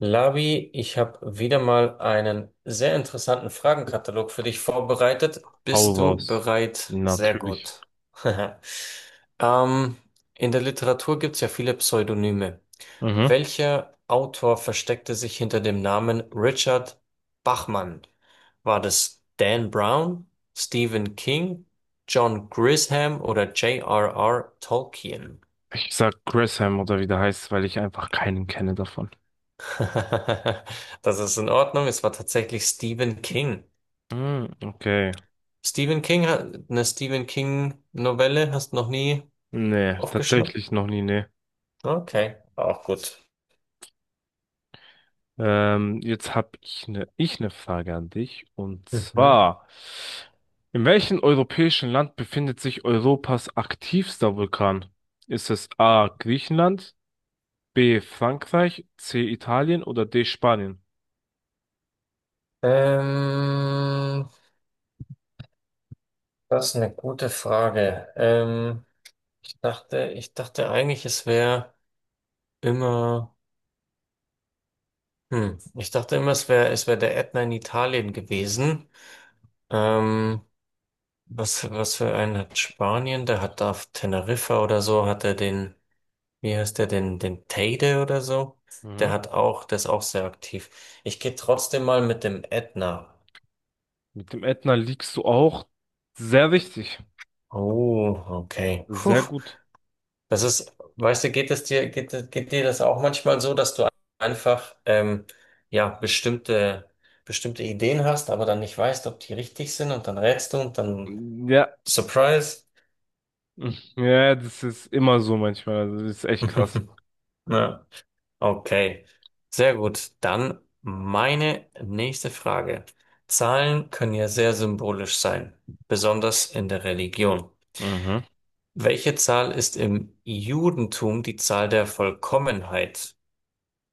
Labi, ich habe wieder mal einen sehr interessanten Fragenkatalog für dich vorbereitet. Paul Bist du Walls. bereit? Sehr Natürlich. gut. Ähm, in der Literatur gibt es ja viele Pseudonyme. Mhm. Welcher Autor versteckte sich hinter dem Namen Richard Bachman? War das Dan Brown, Stephen King, John Grisham oder J.R.R. Tolkien? Ich sag Gresham oder wie der heißt, weil ich einfach keinen kenne davon. Das ist in Ordnung. Es war tatsächlich Stephen King. Hm, okay. Stephen King hat eine Stephen King Novelle, hast noch nie Nee, aufgeschnappt? tatsächlich noch nie, nee. Okay, auch gut. Jetzt hab ich ne Frage an dich. Und Mhm. zwar, in welchem europäischen Land befindet sich Europas aktivster Vulkan? Ist es A. Griechenland, B. Frankreich, C. Italien oder D. Spanien? Ähm, das ist eine gute Frage. Ich dachte eigentlich, es wäre immer, ich dachte immer, es wäre der Ätna in Italien gewesen. Ähm, was für einen hat Spanien? Der hat auf Teneriffa oder so, hat er den. Wie heißt der denn? Den Teide oder so? Der Mhm. hat auch, der ist auch sehr aktiv. Ich gehe trotzdem mal mit dem Ätna. Mit dem Ätna liegst du auch sehr richtig. Oh, okay. Puh, Sehr gut. das ist, weißt du, geht dir das auch manchmal so, dass du einfach, ja, bestimmte Ideen hast, aber dann nicht weißt, ob die richtig sind und dann rätst du und dann Ja, Surprise. ja, das ist immer so manchmal. Das ist echt krass. Ja. Okay, sehr gut. Dann meine nächste Frage. Zahlen können ja sehr symbolisch sein, besonders in der Religion. Mhm. Welche Zahl ist im Judentum die Zahl der Vollkommenheit?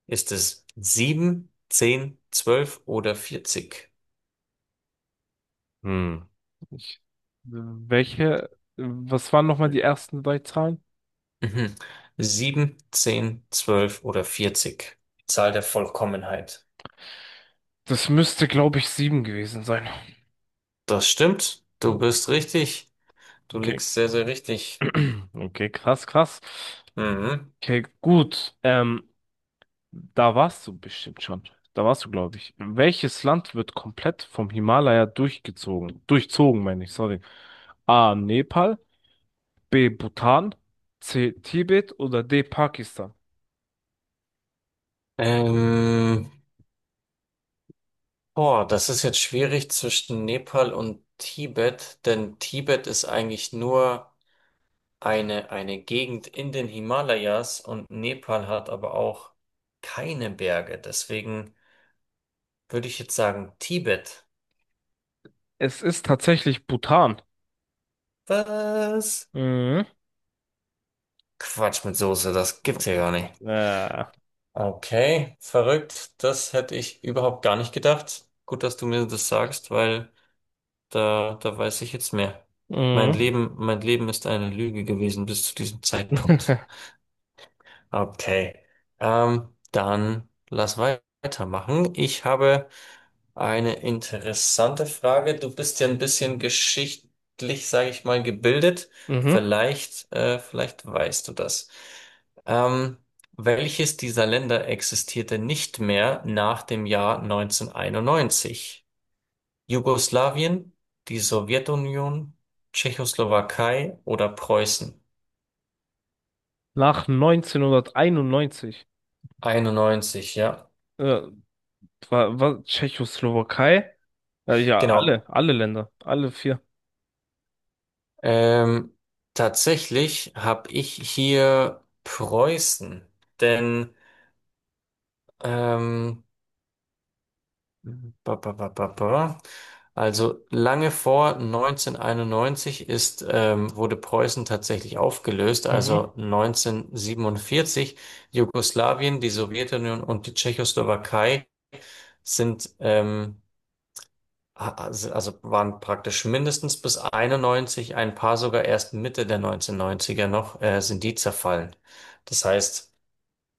Ist es 7, 10, 12 oder 40? Hm. Ich, welche, Was waren nochmal die ersten drei Zahlen? Mhm. sieben, zehn, zwölf oder 40. Die Zahl der Vollkommenheit. Das müsste, glaube ich, sieben gewesen sein. Das stimmt. Du bist richtig. Du Okay, liegst sehr, sehr richtig. okay, krass, krass. Mhm. Okay, gut. Da warst du bestimmt schon. Da warst du, glaube ich. Welches Land wird komplett vom Himalaya durchgezogen? Durchzogen, meine ich, sorry. A. Nepal, B. Bhutan, C. Tibet oder D. Pakistan? Ähm, boah, das ist jetzt schwierig zwischen Nepal und Tibet, denn Tibet ist eigentlich nur eine Gegend in den Himalayas und Nepal hat aber auch keine Berge. Deswegen würde ich jetzt sagen Tibet. Es ist tatsächlich Bhutan. Was? Mhm. Quatsch mit Soße, das gibt's ja gar nicht. Äh. Okay, verrückt. Das hätte ich überhaupt gar nicht gedacht. Gut, dass du mir das sagst, weil da, da weiß ich jetzt mehr. Mhm. Mein Leben ist eine Lüge gewesen bis zu diesem Zeitpunkt. Okay. Dann lass weitermachen. Ich habe eine interessante Frage. Du bist ja ein bisschen geschichtlich, sage ich mal, gebildet. Mhm. Vielleicht, vielleicht weißt du das. Ähm, welches dieser Länder existierte nicht mehr nach dem Jahr 1991? Jugoslawien, die Sowjetunion, Tschechoslowakei oder Preußen? Nach 1991. Einundneunzig, ja. Äh, war Tschechoslowakei? Ja, Genau. alle Länder, alle vier. Ähm, tatsächlich habe ich hier Preußen, denn ähm, ba, ba, ba, ba, ba. Also lange vor 1991 ist, wurde Preußen tatsächlich aufgelöst, Mhm. also 1947. Jugoslawien, die Sowjetunion und die Tschechoslowakei sind, also waren praktisch mindestens bis 91, ein paar sogar erst Mitte der 1990er noch, sind die zerfallen. Das heißt,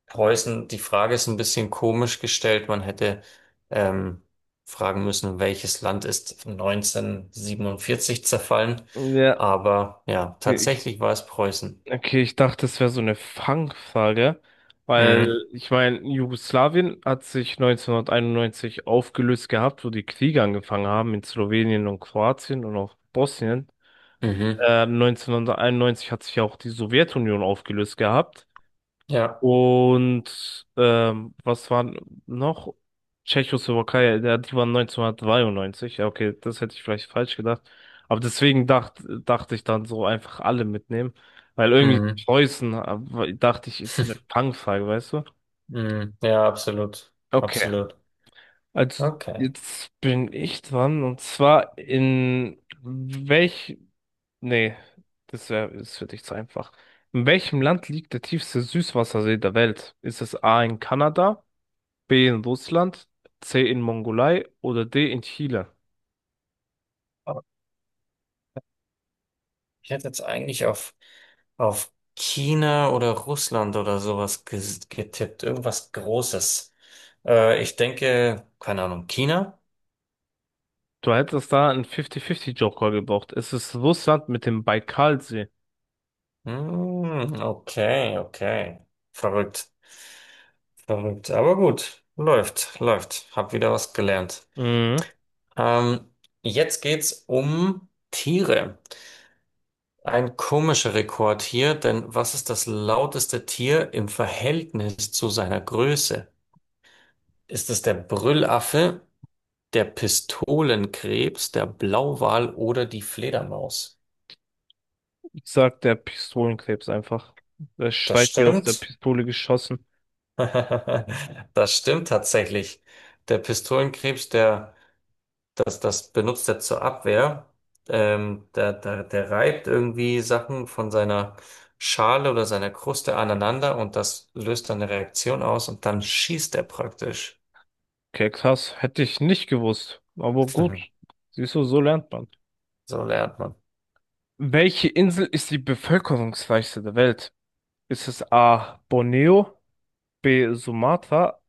Preußen, die Frage ist ein bisschen komisch gestellt. Man hätte ähm, fragen müssen, welches Land ist 1947 zerfallen? Ja, Aber ja, ich, tatsächlich war es Preußen. okay, ich dachte, es wäre so eine Fangfrage, weil Mhm. ich meine, Jugoslawien hat sich 1991 aufgelöst gehabt, wo die Kriege angefangen haben in Slowenien und Kroatien und auch Bosnien. Mhm. 1991 hat sich ja auch die Sowjetunion aufgelöst gehabt. Ja. Und was war noch? Tschechoslowakei, ja, die waren 1993. Ja, okay, das hätte ich vielleicht falsch gedacht. Aber deswegen dachte ich dann so einfach alle mitnehmen. Weil irgendwie Mhm. Preußen, dachte ich, ist so eine Fangfrage, weißt du? Mhm. Ja, absolut. Okay, Absolut. also Okay. jetzt bin ich dran. Und zwar, in welch nee, das wäre das für dich zu einfach. In welchem Land liegt der tiefste Süßwassersee der Welt? Ist es A in Kanada, B in Russland, C in Mongolei oder D in Chile? Aber ich hätte jetzt eigentlich auf China oder Russland oder sowas getippt. Irgendwas Großes. Ich denke, keine Ahnung, China? Du hättest da einen 50-50-Joker gebraucht. Es ist Russland mit dem Baikalsee. Hm, okay, okay. Verrückt, verrückt. Aber gut, läuft, läuft. Hab wieder was gelernt. Mhm. Ähm, jetzt geht's um Tiere. Ein komischer Rekord hier, denn was ist das lauteste Tier im Verhältnis zu seiner Größe? Ist es der Brüllaffe? Der Pistolenkrebs, der Blauwal oder die Fledermaus. Ich sag der Pistolenkrebs einfach. Der Das schreit wie aus der stimmt. Pistole geschossen. Das stimmt tatsächlich. Der Pistolenkrebs, das benutzt er zur Abwehr. Der reibt irgendwie Sachen von seiner Schale oder seiner Kruste aneinander und das löst dann eine Reaktion aus und dann schießt er praktisch. Okay, krass. Hätte ich nicht gewusst. Aber gut. Siehst du, so lernt man. So lernt man. Welche Insel ist die bevölkerungsreichste der Welt? Ist es A. Borneo, B. Sumatra,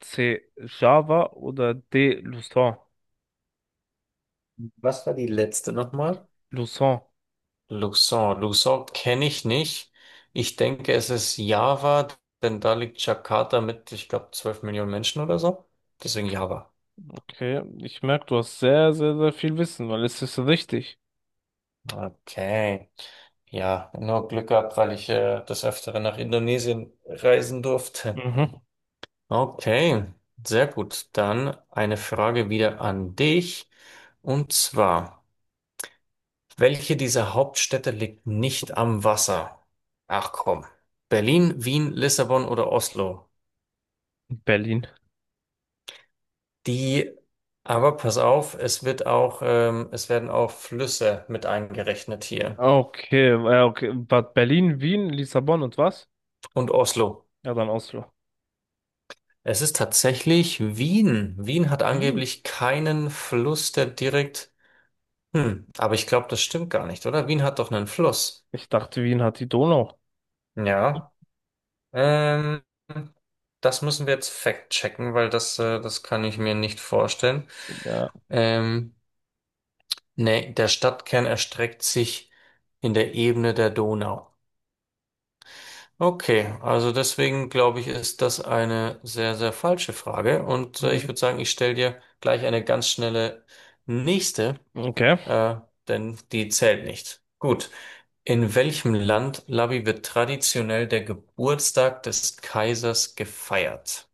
C. Java oder D. Luzon? Was war die letzte nochmal? Luzon. Luxon. Luxon kenne ich nicht. Ich denke, es ist Java, denn da liegt Jakarta mit, ich glaube, 12 Millionen Menschen oder so. Deswegen Java. Okay, ich merke, du hast sehr, sehr, sehr viel Wissen, weil es ist richtig. Okay. Ja, nur Glück gehabt, weil ich des Öfteren nach Indonesien reisen durfte. Mhm. Okay, sehr gut. Dann eine Frage wieder an dich. Und zwar, welche dieser Hauptstädte liegt nicht am Wasser? Ach komm. Berlin, Wien, Lissabon oder Oslo? Berlin. Die, aber pass auf, es wird auch, es werden auch Flüsse mit eingerechnet hier. Okay, okay. Bad Berlin, Wien, Lissabon und was? Und Oslo. Ja, dann Oslo. Es ist tatsächlich Wien. Wien hat Wien. angeblich keinen Fluss, der direkt. Hm, aber ich glaube, das stimmt gar nicht, oder? Wien hat doch einen Fluss. Ich dachte, Wien hat die Donau. Ja. Ähm, das müssen wir jetzt fact-checken, weil das, das kann ich mir nicht vorstellen. Ja. Ähm, nee, der Stadtkern erstreckt sich in der Ebene der Donau. Okay, also deswegen glaube ich, ist das eine sehr, sehr falsche Frage. Und ich Mhm. würde sagen, ich stelle dir gleich eine ganz schnelle nächste, Okay. äh, denn die zählt nicht. Gut. In welchem Land, Labi, wird traditionell der Geburtstag des Kaisers gefeiert?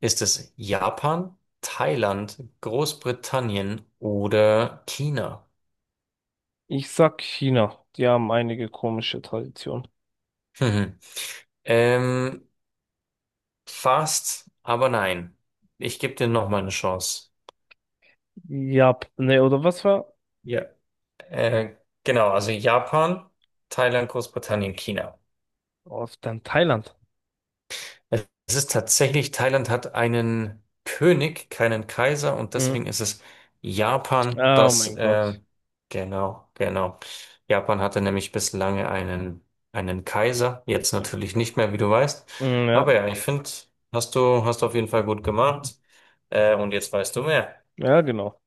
Ist es Japan, Thailand, Großbritannien oder China? Ich sag China. Die haben einige komische Traditionen. Hm. Ähm, fast, aber nein. Ich gebe dir noch mal eine Chance. Ja, nee, oder was war? Ja. Äh, genau, also Japan, Thailand, Großbritannien, China. Oh, dann Thailand. Es ist tatsächlich, Thailand hat einen König, keinen Kaiser und Mhm. deswegen ist es Japan, Oh das, mein Gott. genau, genau. Japan hatte nämlich bislang einen, einen Kaiser, jetzt natürlich Okay. nicht mehr, wie du weißt. Mm, ja, Aber ja, ich finde, hast du auf jeden Fall gut gemacht. Und jetzt weißt du mehr. ja, genau.